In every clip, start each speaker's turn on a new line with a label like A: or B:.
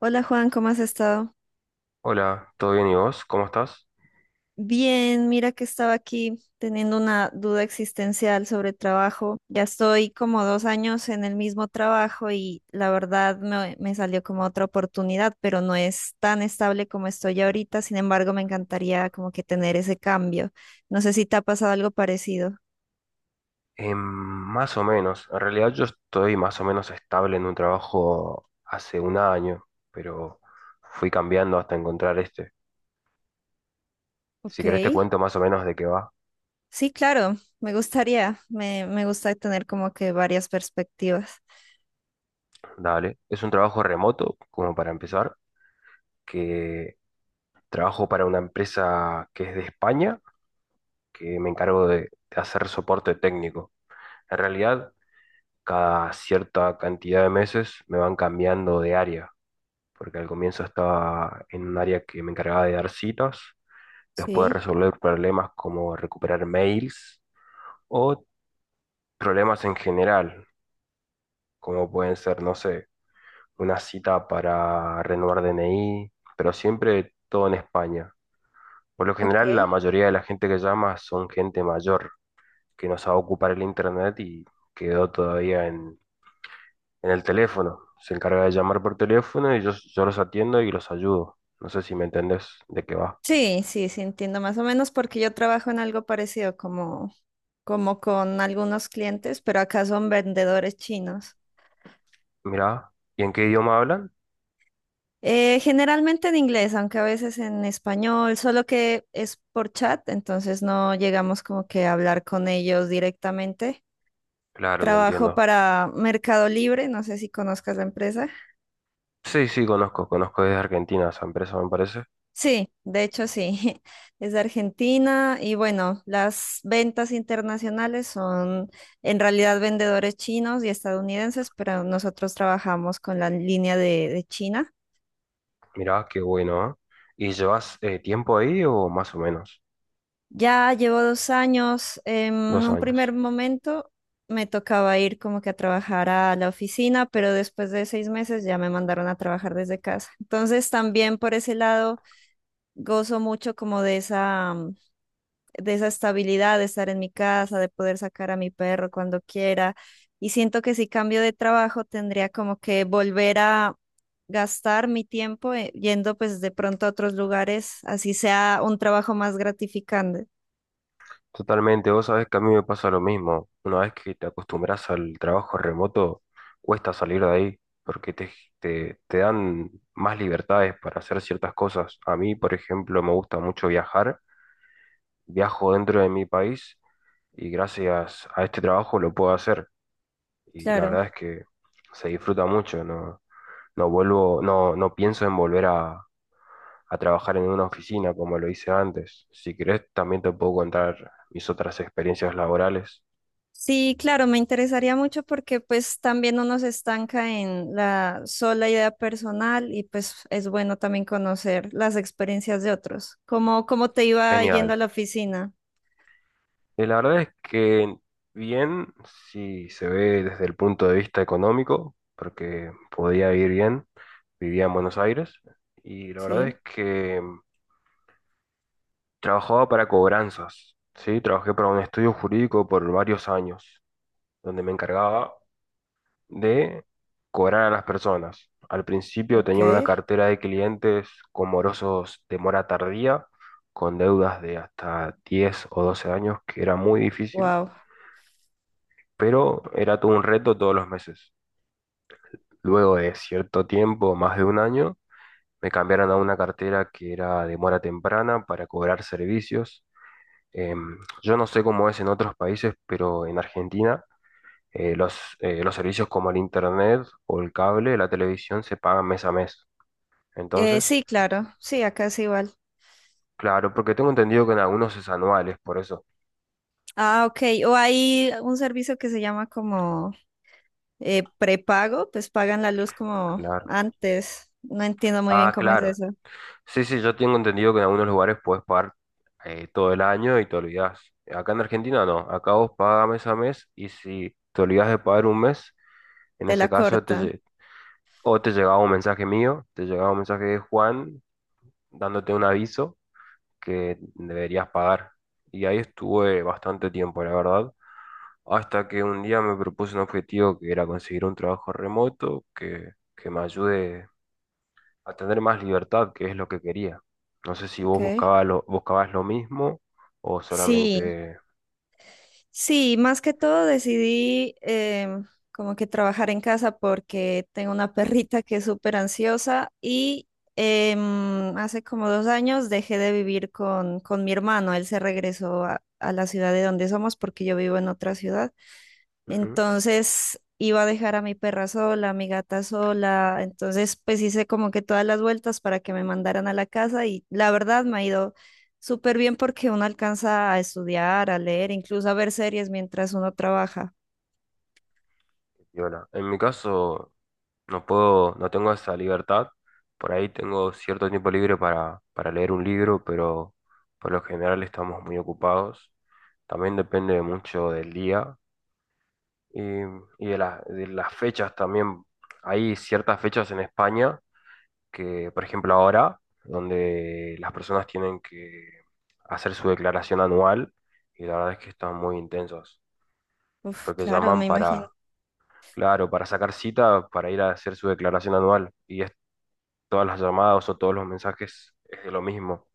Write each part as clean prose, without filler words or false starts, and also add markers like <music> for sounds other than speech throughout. A: Hola Juan, ¿cómo has estado?
B: Hola, ¿todo bien y vos? ¿Cómo estás?
A: Bien, mira que estaba aquí teniendo una duda existencial sobre trabajo. Ya estoy como 2 años en el mismo trabajo y la verdad me salió como otra oportunidad, pero no es tan estable como estoy ahorita. Sin embargo, me encantaría como que tener ese cambio. No sé si te ha pasado algo parecido.
B: Más o menos. En realidad yo estoy más o menos estable en un trabajo hace un año, pero fui cambiando hasta encontrar este. Si
A: Ok,
B: querés te cuento más o menos de qué va.
A: sí, claro, me gustaría. Me gusta tener como que varias perspectivas.
B: Dale. Es un trabajo remoto, como para empezar, que trabajo para una empresa que es de España, que me encargo de hacer soporte técnico. En realidad, cada cierta cantidad de meses me van cambiando de área, porque al comienzo estaba en un área que me encargaba de dar citas, después de
A: Sí,
B: resolver problemas como recuperar mails o problemas en general, como pueden ser, no sé, una cita para renovar DNI, pero siempre todo en España. Por lo
A: ok.
B: general, la mayoría de la gente que llama son gente mayor que no sabe ocupar el internet y quedó todavía en el teléfono. Se encarga de llamar por teléfono y yo los atiendo y los ayudo. No sé si me entendés de qué va.
A: Sí, sí, sí, entiendo más o menos porque yo trabajo en algo parecido como con algunos clientes, pero acá son vendedores chinos.
B: Mirá, ¿y en qué idioma hablan?
A: Generalmente en inglés, aunque a veces en español, solo que es por chat, entonces no llegamos como que a hablar con ellos directamente.
B: Claro, te
A: Trabajo
B: entiendo.
A: para Mercado Libre, no sé si conozcas la empresa.
B: Sí, sí, conozco desde Argentina esa empresa, me parece.
A: Sí, de hecho sí, <laughs> es de Argentina y bueno, las ventas internacionales son en realidad vendedores chinos y estadounidenses, pero nosotros trabajamos con la línea de China.
B: Mirá, qué bueno, ¿eh? ¿Y llevas tiempo ahí o más o menos?
A: Ya llevo 2 años, en
B: Dos
A: un primer
B: años.
A: momento me tocaba ir como que a trabajar a la oficina, pero después de 6 meses ya me mandaron a trabajar desde casa. Entonces también por ese lado gozo mucho como de esa estabilidad de estar en mi casa, de poder sacar a mi perro cuando quiera. Y siento que si cambio de trabajo tendría como que volver a gastar mi tiempo yendo pues de pronto a otros lugares, así sea un trabajo más gratificante.
B: Totalmente, vos sabés que a mí me pasa lo mismo. Una vez que te acostumbras al trabajo remoto, cuesta salir de ahí, porque te dan más libertades para hacer ciertas cosas. A mí, por ejemplo, me gusta mucho viajar, viajo dentro de mi país y gracias a este trabajo lo puedo hacer. Y la verdad
A: Claro.
B: es que se disfruta mucho. No, no vuelvo, no, no pienso en volver a trabajar en una oficina como lo hice antes. Si querés, también te puedo contar mis otras experiencias laborales.
A: Sí, claro, me interesaría mucho porque pues también uno se estanca en la sola idea personal y pues es bueno también conocer las experiencias de otros. Cómo te iba yendo
B: Genial.
A: a la oficina?
B: Y la verdad es que bien, si se ve desde el punto de vista económico, porque podía ir bien, vivía en Buenos Aires, y la verdad
A: Sí,
B: es que trabajaba para cobranzas, ¿sí? Trabajé para un estudio jurídico por varios años, donde me encargaba de cobrar a las personas. Al principio
A: ok,
B: tenía una cartera de clientes con morosos de mora tardía, con deudas de hasta 10 o 12 años, que era muy difícil,
A: wow.
B: pero era todo un reto todos los meses. Luego de cierto tiempo, más de un año, me cambiaron a una cartera que era de mora temprana para cobrar servicios. Yo no sé cómo es en otros países, pero en Argentina los servicios como el internet o el cable, la televisión se pagan mes a mes. Entonces,
A: Sí, claro, sí, acá es igual.
B: claro, porque tengo entendido que en algunos es anuales, por eso.
A: Ah, ok. O hay un servicio que se llama como prepago, pues pagan la luz como
B: Claro.
A: antes. No entiendo muy bien
B: Ah,
A: cómo es
B: claro.
A: eso.
B: Sí, sí, yo tengo entendido que en algunos lugares puedes pagar todo el año y te olvidás. Acá en Argentina no. Acá vos pagas mes a mes y si te olvidás de pagar un mes, en
A: Te la
B: ese caso
A: cortan,
B: o te llegaba un mensaje mío, te llegaba un mensaje de Juan dándote un aviso que deberías pagar. Y ahí estuve bastante tiempo, la verdad. Hasta que un día me propuse un objetivo que era conseguir un trabajo remoto que me ayude a tener más libertad, que es lo que quería. No sé si vos
A: ok.
B: buscabas lo mismo o
A: Sí,
B: solamente...
A: sí, más que todo decidí como que trabajar en casa porque tengo una perrita que es súper ansiosa y hace como 2 años dejé de vivir con mi hermano. Él se regresó a la ciudad de donde somos porque yo vivo en otra ciudad.
B: Ujú,
A: Entonces iba a dejar a mi perra sola, a mi gata sola. Entonces, pues hice como que todas las vueltas para que me mandaran a la casa y la verdad me ha ido súper bien porque uno alcanza a estudiar, a leer, incluso a ver series mientras uno trabaja.
B: y hola. En mi caso, no puedo, no tengo esa libertad. Por ahí tengo cierto tiempo libre para leer un libro, pero por lo general estamos muy ocupados. También depende mucho del día. Y, y de las fechas también, hay ciertas fechas en España que, por ejemplo, ahora, donde las personas tienen que hacer su declaración anual y la verdad es que están muy intensos,
A: Uf,
B: porque
A: claro, me
B: llaman
A: imagino.
B: para, claro, para sacar cita, para ir a hacer su declaración anual y es, todas las llamadas o todos los mensajes es de lo mismo.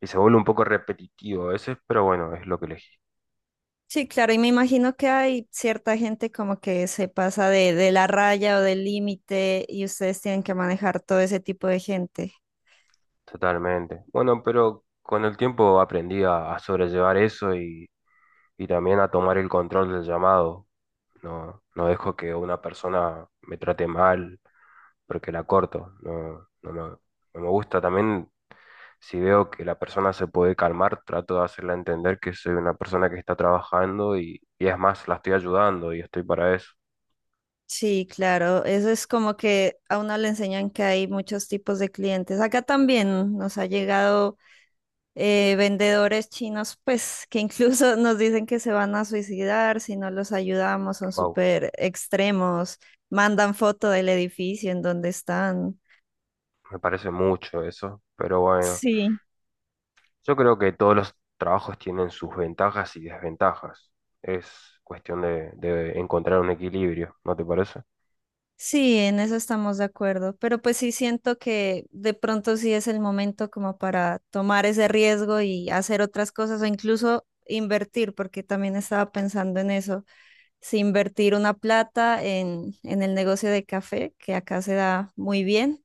B: Y se vuelve un poco repetitivo a veces, pero bueno, es lo que elegí.
A: Sí, claro, y me imagino que hay cierta gente como que se pasa de la raya o del límite y ustedes tienen que manejar todo ese tipo de gente.
B: Totalmente. Bueno, pero con el tiempo aprendí a sobrellevar eso y también a tomar el control del llamado. No, no dejo que una persona me trate mal porque la corto. No, no me gusta. También si veo que la persona se puede calmar, trato de hacerla entender que soy una persona que está trabajando y es más, la estoy ayudando y estoy para eso.
A: Sí, claro, eso es como que a uno le enseñan que hay muchos tipos de clientes. Acá también nos ha llegado vendedores chinos, pues que incluso <laughs> nos dicen que se van a suicidar si no los ayudamos, son
B: Wow,
A: súper extremos, mandan foto del edificio en donde están.
B: me parece mucho eso. Pero bueno,
A: Sí.
B: yo creo que todos los trabajos tienen sus ventajas y desventajas. Es cuestión de encontrar un equilibrio, ¿no te parece?
A: Sí, en eso estamos de acuerdo, pero pues sí siento que de pronto sí es el momento como para tomar ese riesgo y hacer otras cosas o incluso invertir, porque también estaba pensando en eso, si invertir una plata en el negocio de café, que acá se da muy bien.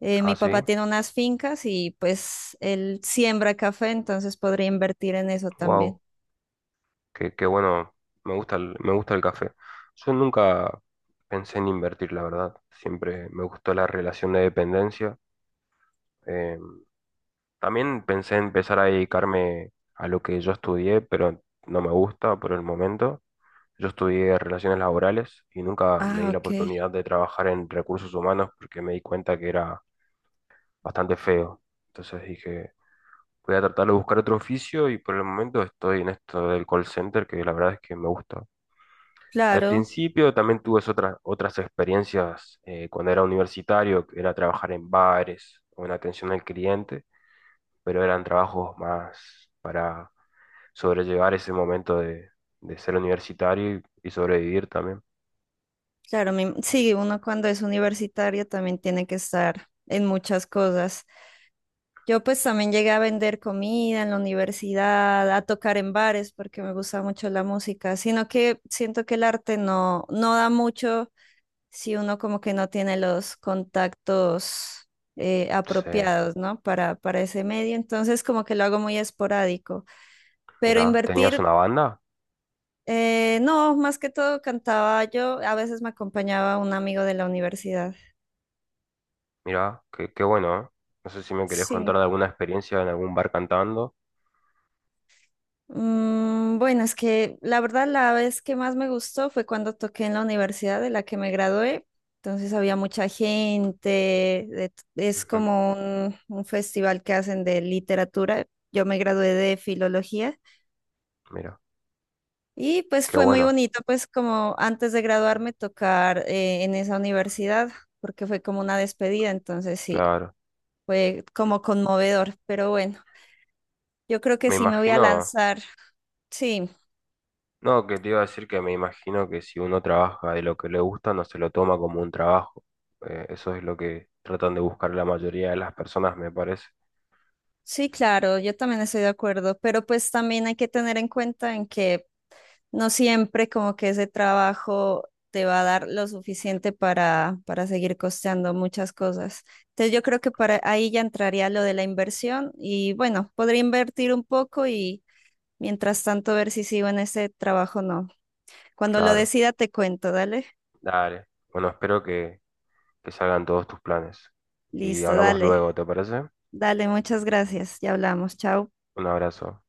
B: Ah,
A: Mi papá
B: sí.
A: tiene unas fincas y pues él siembra café, entonces podría invertir en eso también.
B: Wow. Que bueno, me gusta el café. Yo nunca pensé en invertir, la verdad. Siempre me gustó la relación de dependencia. Eh, También pensé en empezar a dedicarme a lo que yo estudié, pero no me gusta por el momento. Yo estudié relaciones laborales y nunca me
A: Ah,
B: di la
A: ok.
B: oportunidad de trabajar en recursos humanos porque me di cuenta que era bastante feo. Entonces dije, voy a tratar de buscar otro oficio y por el momento estoy en esto del call center, que la verdad es que me gusta. Al
A: Claro.
B: principio también tuve otras experiencias cuando era universitario, que era trabajar en bares o en atención al cliente, pero eran trabajos más para sobrellevar ese momento de ser universitario y sobrevivir también.
A: Claro, sí, uno cuando es universitario también tiene que estar en muchas cosas. Yo pues también llegué a vender comida en la universidad, a tocar en bares porque me gusta mucho la música, sino que siento que el arte no da mucho si uno como que no tiene los contactos
B: Sí,
A: apropiados, ¿no? Para ese medio, entonces como que lo hago muy esporádico, pero
B: mirá, ¿tenías
A: invertir...
B: una banda?
A: no, más que todo cantaba yo, a veces me acompañaba un amigo de la universidad.
B: Mirá, qué, qué bueno, ¿eh? No sé si me querés
A: Sí.
B: contar de alguna experiencia en algún bar cantando.
A: Mm, bueno, es que la verdad la vez que más me gustó fue cuando toqué en la universidad de la que me gradué. Entonces había mucha gente, es
B: Ujú,
A: como un festival que hacen de literatura. Yo me gradué de filología
B: mira,
A: y pues
B: qué
A: fue muy
B: bueno,
A: bonito, pues como antes de graduarme tocar en esa universidad, porque fue como una despedida, entonces sí,
B: claro.
A: fue como conmovedor, pero bueno, yo creo que
B: Me
A: sí me voy a
B: imagino.
A: lanzar, sí.
B: No, que te iba a decir que me imagino que si uno trabaja de lo que le gusta, no se lo toma como un trabajo. Eso es lo que tratan de buscar la mayoría de las personas, me parece.
A: Sí, claro, yo también estoy de acuerdo, pero pues también hay que tener en cuenta en que no siempre como que ese trabajo te va a dar lo suficiente para seguir costeando muchas cosas. Entonces yo creo que para ahí ya entraría lo de la inversión y bueno, podría invertir un poco y mientras tanto ver si sigo en ese trabajo o no. Cuando lo
B: Claro,
A: decida te cuento, dale.
B: dale. Bueno, espero que salgan todos tus planes. Y
A: Listo,
B: hablamos
A: dale.
B: luego, ¿te parece?
A: Dale, muchas gracias. Ya hablamos. Chao.
B: Un abrazo.